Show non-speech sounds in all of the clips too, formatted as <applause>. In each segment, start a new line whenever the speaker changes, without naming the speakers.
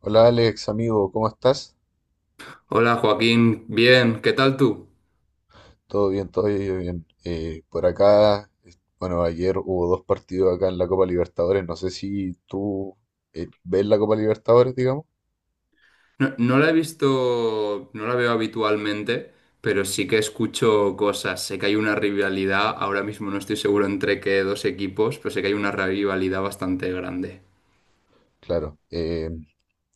Hola Alex, amigo, ¿cómo estás?
Hola Joaquín, bien, ¿qué tal tú?
Todo bien, todo bien. Por acá, bueno, ayer hubo dos partidos acá en la Copa Libertadores. No sé si tú ves la Copa Libertadores, digamos.
No, no la he visto, no la veo habitualmente, pero sí que escucho cosas. Sé que hay una rivalidad, ahora mismo no estoy seguro entre qué dos equipos, pero sé que hay una rivalidad bastante grande.
Claro.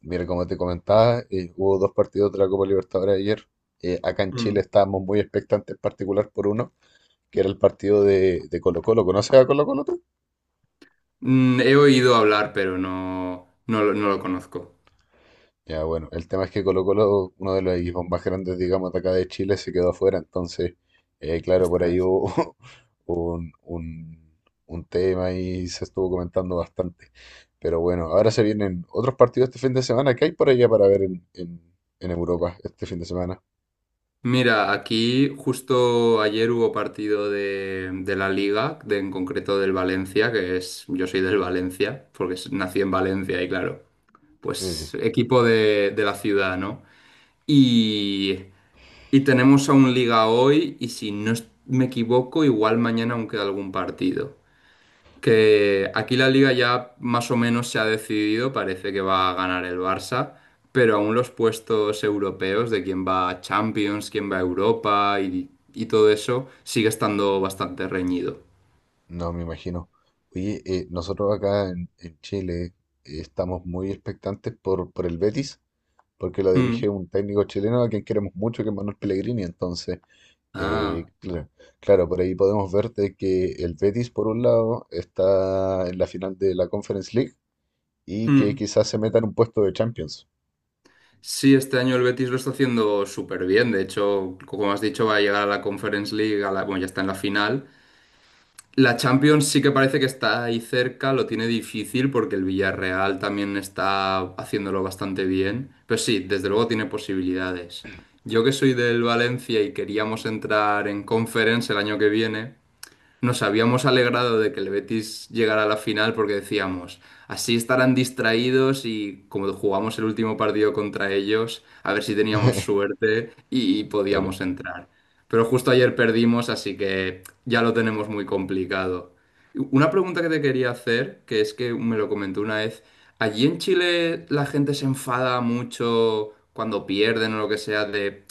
Mira, como te comentaba, hubo dos partidos de la Copa Libertadores ayer. Acá en Chile
Mm.
estábamos muy expectantes, en particular por uno, que era el partido de Colo-Colo. ¿Conoces a Colo-Colo tú?
He oído hablar, pero no, no, lo no lo conozco.
Ya, bueno, el tema es que Colo Colo, uno de los equipos más grandes, digamos, de acá de Chile, se quedó afuera. Entonces, claro, por ahí
Ostras.
hubo <laughs> un, un, un tema y se estuvo comentando bastante. Pero bueno, ahora se vienen otros partidos este fin de semana. ¿Qué hay por allá para ver en Europa este fin de semana?
Mira, aquí justo ayer hubo partido de la Liga, en concreto del Valencia, yo soy del Valencia, porque nací en Valencia y claro. Pues
Eh,
equipo de la ciudad, ¿no? Y, y tenemos aún liga hoy y si no me equivoco, igual mañana aún queda algún partido. Que aquí la liga ya más o menos se ha decidido, parece que va a ganar el Barça, pero aún los puestos europeos de quién va a Champions, quién va a Europa y todo eso sigue estando bastante reñido.
no me imagino. Oye, nosotros acá en Chile estamos muy expectantes por el Betis, porque lo
Mm.
dirige un técnico chileno a quien queremos mucho, que es Manuel Pellegrini. Entonces...
Ah.
Eh, cla- claro, por ahí podemos ver de que el Betis, por un lado, está en la final de la Conference League y que
Mm.
quizás se meta en un puesto de Champions.
Sí, este año el Betis lo está haciendo súper bien. De hecho, como has dicho, va a llegar a la Conference League, bueno, ya está en la final. La Champions sí que parece que está ahí cerca, lo tiene difícil porque el Villarreal también está haciéndolo bastante bien. Pero sí, desde luego tiene posibilidades. Yo que soy del Valencia y queríamos entrar en Conference el año que viene, nos habíamos alegrado de que el Betis llegara a la final porque decíamos, así estarán distraídos y como jugamos el último partido contra ellos, a ver si teníamos
<laughs>
suerte y
Claro.
podíamos entrar. Pero justo ayer perdimos, así que ya lo tenemos muy complicado. Una pregunta que te quería hacer, que es que me lo comentó una vez, ¿allí en Chile la gente se enfada mucho cuando pierden o lo que sea de?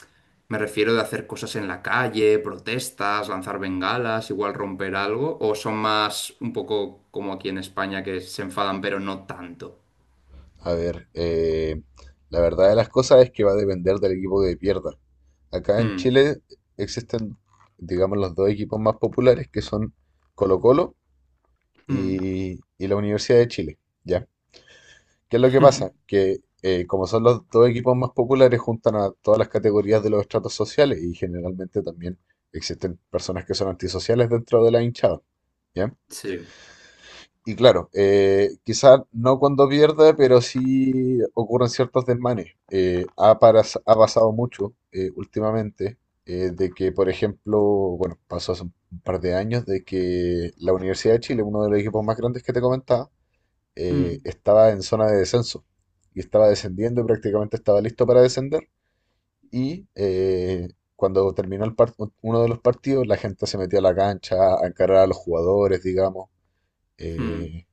Me refiero de hacer cosas en la calle, protestas, lanzar bengalas, igual romper algo, o son más un poco como aquí en España que se enfadan, pero no tanto.
A ver, la verdad de las cosas es que va a depender del equipo que pierda. Acá en
Hmm,
Chile existen, digamos, los dos equipos más populares que son Colo-Colo
hmm,
y la Universidad de Chile, ¿ya? ¿Qué es lo que pasa?
<laughs>
Que como son los dos equipos más populares, juntan a todas las categorías de los estratos sociales y generalmente también existen personas que son antisociales dentro de la hinchada. ¿Ya?
Sí.
Y claro, quizás no cuando pierde, pero sí ocurren ciertos desmanes. Ha pasado mucho últimamente de que, por ejemplo, bueno, pasó hace un par de años de que la Universidad de Chile, uno de los equipos más grandes que te comentaba,
hmm,
estaba en zona de descenso y estaba descendiendo y prácticamente estaba listo para descender. Y cuando terminó uno de los partidos, la gente se metió a la cancha a encarar a los jugadores, digamos.
hmm.
Eh,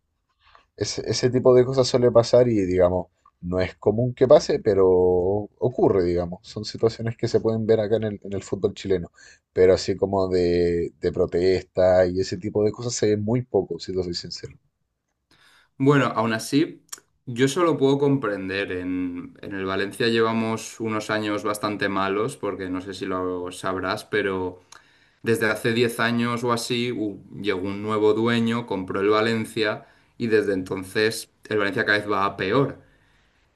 ese tipo de cosas suele pasar y, digamos, no es común que pase, pero ocurre, digamos. Son situaciones que se pueden ver acá en el fútbol chileno. Pero así como de protesta y ese tipo de cosas se ve muy poco, si te soy sincero.
Bueno, aún así, yo eso lo puedo comprender. En el Valencia llevamos unos años bastante malos, porque no sé si lo sabrás, pero desde hace 10 años o así llegó un nuevo dueño, compró el Valencia y desde entonces el Valencia cada vez va a peor.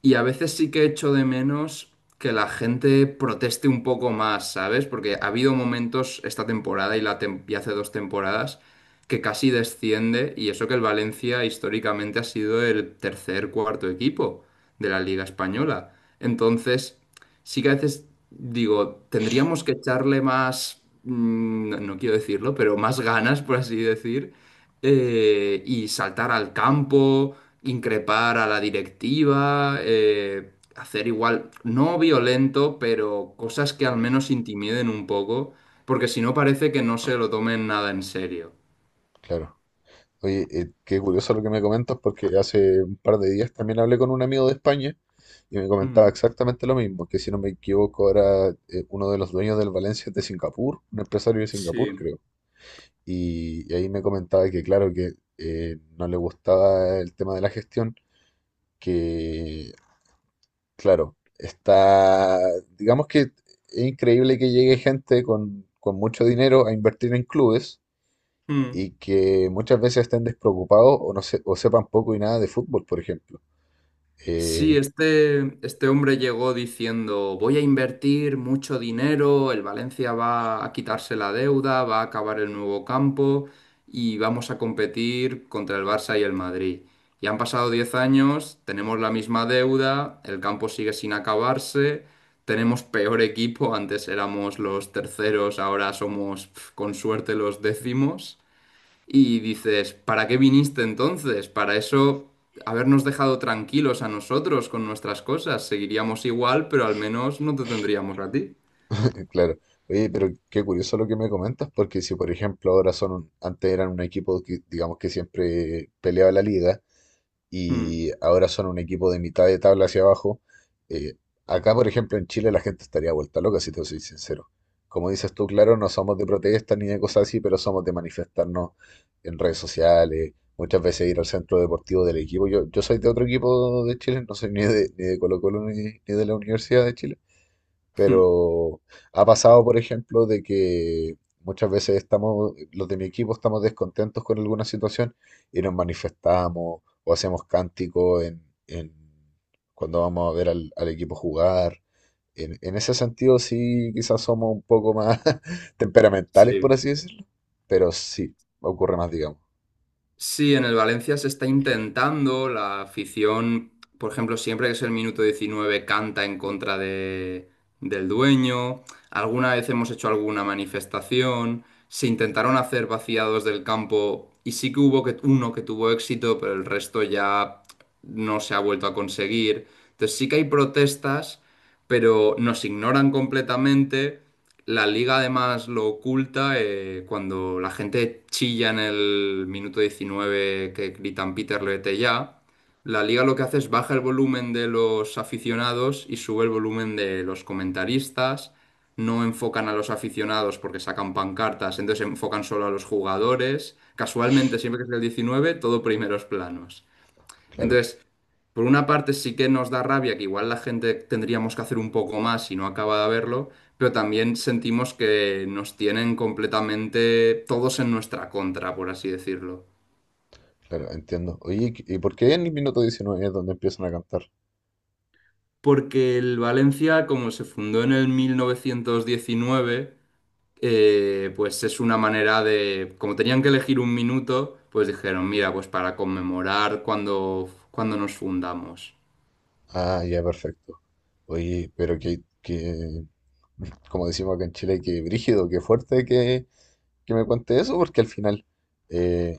Y a veces sí que echo de menos que la gente proteste un poco más, ¿sabes? Porque ha habido momentos esta temporada y hace 2 temporadas que casi desciende, y eso que el Valencia históricamente ha sido el tercer, cuarto equipo de la Liga Española. Entonces, sí que a veces digo, tendríamos que echarle más, no, no quiero decirlo, pero más ganas, por así decir, y saltar al campo, increpar a la directiva, hacer igual, no violento, pero cosas que al menos intimiden un poco, porque si no parece que no se lo tomen nada en serio.
Claro. Oye, qué curioso lo que me comentas porque hace un par de días también hablé con un amigo de España y me comentaba
Mm,
exactamente lo mismo, que si no me equivoco era uno de los dueños del Valencia de Singapur, un empresario de Singapur
sí.
creo. Y ahí me comentaba que claro que no le gustaba el tema de la gestión, que claro, está, digamos que es increíble que llegue gente con mucho dinero a invertir en clubes
Mm.
y que muchas veces estén despreocupados o, no se- o sepan poco y nada de fútbol, por ejemplo.
Sí,
Eh,
este hombre llegó diciendo, voy a invertir mucho dinero, el Valencia va a quitarse la deuda, va a acabar el nuevo campo y vamos a competir contra el Barça y el Madrid. Y han pasado 10 años, tenemos la misma deuda, el campo sigue sin acabarse, tenemos peor equipo, antes éramos los terceros, ahora somos, con suerte, los décimos. Y dices, ¿para qué viniste entonces? Para eso, habernos dejado tranquilos a nosotros con nuestras cosas. Seguiríamos igual, pero al menos no te tendríamos a ti.
<laughs> claro. Oye, pero qué curioso lo que me comentas, porque si por ejemplo ahora antes eran un equipo que digamos que siempre peleaba la liga,
Mm.
y ahora son un equipo de mitad de tabla hacia abajo. Eh, acá, por ejemplo, en Chile la gente estaría vuelta loca, si te soy sincero. Como dices tú, claro, no somos de protesta ni de cosas así, pero somos de manifestarnos en redes sociales, muchas veces ir al centro deportivo del equipo. Yo soy de otro equipo de Chile, no soy ni de Colo Colo ni de la Universidad de Chile, pero ha pasado, por ejemplo, de que muchas veces estamos, los de mi equipo estamos descontentos con alguna situación y nos manifestamos o hacemos cánticos cuando vamos a ver al equipo jugar. En ese sentido, sí, quizás somos un poco más <laughs>
<laughs>
temperamentales, por
Sí.
así decirlo. Pero sí, ocurre más, digamos.
Sí, en el Valencia se está intentando, la afición, por ejemplo, siempre que es el minuto 19 canta en contra del dueño, alguna vez hemos hecho alguna manifestación, se intentaron hacer vaciados del campo y sí que hubo uno que tuvo éxito, pero el resto ya no se ha vuelto a conseguir. Entonces sí que hay protestas, pero nos ignoran completamente. La liga además lo oculta, cuando la gente chilla en el minuto 19 que gritan Peter Lete ya. La liga lo que hace es baja el volumen de los aficionados y sube el volumen de los comentaristas. No enfocan a los aficionados porque sacan pancartas, entonces enfocan solo a los jugadores. Casualmente, siempre que es el 19, todo primeros planos.
Claro,
Entonces, por una parte sí que nos da rabia que igual la gente tendríamos que hacer un poco más y no acaba de verlo, pero también sentimos que nos tienen completamente todos en nuestra contra, por así decirlo.
claro, entiendo. Oye, ¿y por qué en el minuto 19 es donde empiezan a cantar?
Porque el Valencia, como se fundó en el 1919, pues es una manera de, como tenían que elegir un minuto, pues dijeron, mira, pues para conmemorar cuando nos fundamos.
Ah, ya, perfecto. Oye, pero que, <laughs> como decimos acá en Chile, que brígido, que fuerte que me cuente eso, porque al final eh,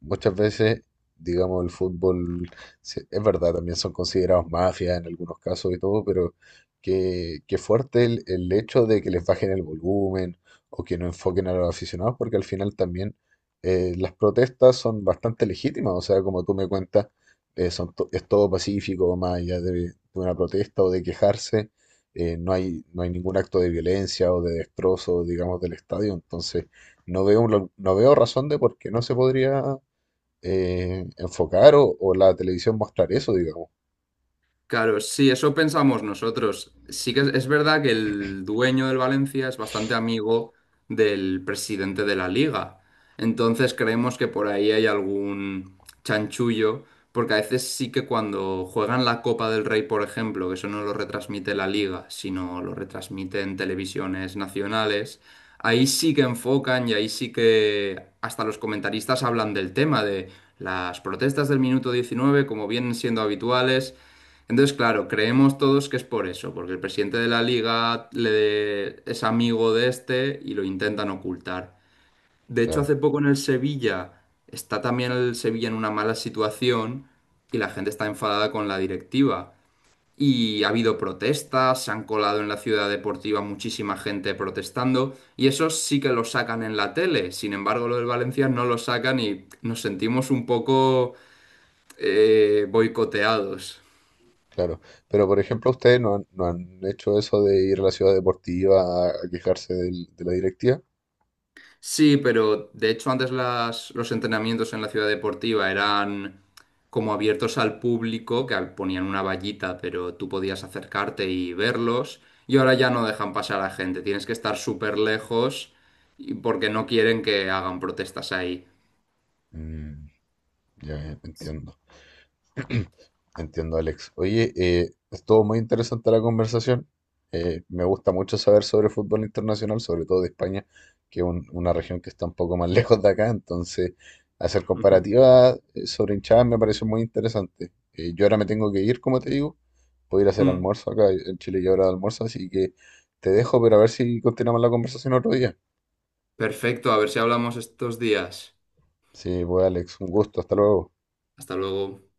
muchas veces, digamos, el fútbol, es verdad, también son considerados mafias en algunos casos y todo, pero qué, qué fuerte el hecho de que les bajen el volumen o que no enfoquen a los aficionados, porque al final también las protestas son bastante legítimas, o sea, como tú me cuentas, es todo pacífico, más allá de una protesta o de quejarse. No hay ningún acto de violencia o de destrozo, digamos, del estadio. Entonces, no veo razón de por qué no se podría enfocar o la televisión mostrar eso, digamos.
Claro, sí, eso pensamos nosotros. Sí que es verdad que el dueño del Valencia es bastante amigo del presidente de la liga. Entonces creemos que por ahí hay algún chanchullo, porque a veces sí que cuando juegan la Copa del Rey, por ejemplo, que eso no lo retransmite la liga, sino lo retransmite en televisiones nacionales, ahí sí que enfocan y ahí sí que hasta los comentaristas hablan del tema de las protestas del minuto 19, como vienen siendo habituales. Entonces, claro, creemos todos que es por eso, porque el presidente de la liga es amigo de este y lo intentan ocultar. De hecho,
Claro,
hace poco en el Sevilla está también el Sevilla en una mala situación y la gente está enfadada con la directiva. Y ha habido protestas, se han colado en la ciudad deportiva muchísima gente protestando y eso sí que lo sacan en la tele. Sin embargo, lo del Valencia no lo sacan y nos sentimos un poco, boicoteados.
claro. Pero, por ejemplo, ustedes no han hecho eso de ir a la ciudad deportiva a quejarse de la directiva.
Sí, pero de hecho antes los entrenamientos en la ciudad deportiva eran como abiertos al público, que ponían una vallita, pero tú podías acercarte y verlos. Y ahora ya no dejan pasar a gente, tienes que estar súper lejos porque no quieren que hagan protestas ahí.
Mm, ya, ya, entiendo. <clears throat> Entiendo, Alex. Oye, estuvo muy interesante la conversación. Me gusta mucho saber sobre fútbol internacional, sobre todo de España, que es una región que está un poco más <laughs> lejos de acá. Entonces, hacer
<laughs> Ujú.
comparativas sobre hinchadas me pareció muy interesante. Yo ahora me tengo que ir, como te digo. Voy a ir a hacer
Mm.
almuerzo acá en Chile ya hora de almuerzo, así que te dejo, pero a ver si continuamos la conversación otro día.
Perfecto, a ver si hablamos estos días.
Sí, pues Alex, un gusto. Hasta luego.
Hasta luego.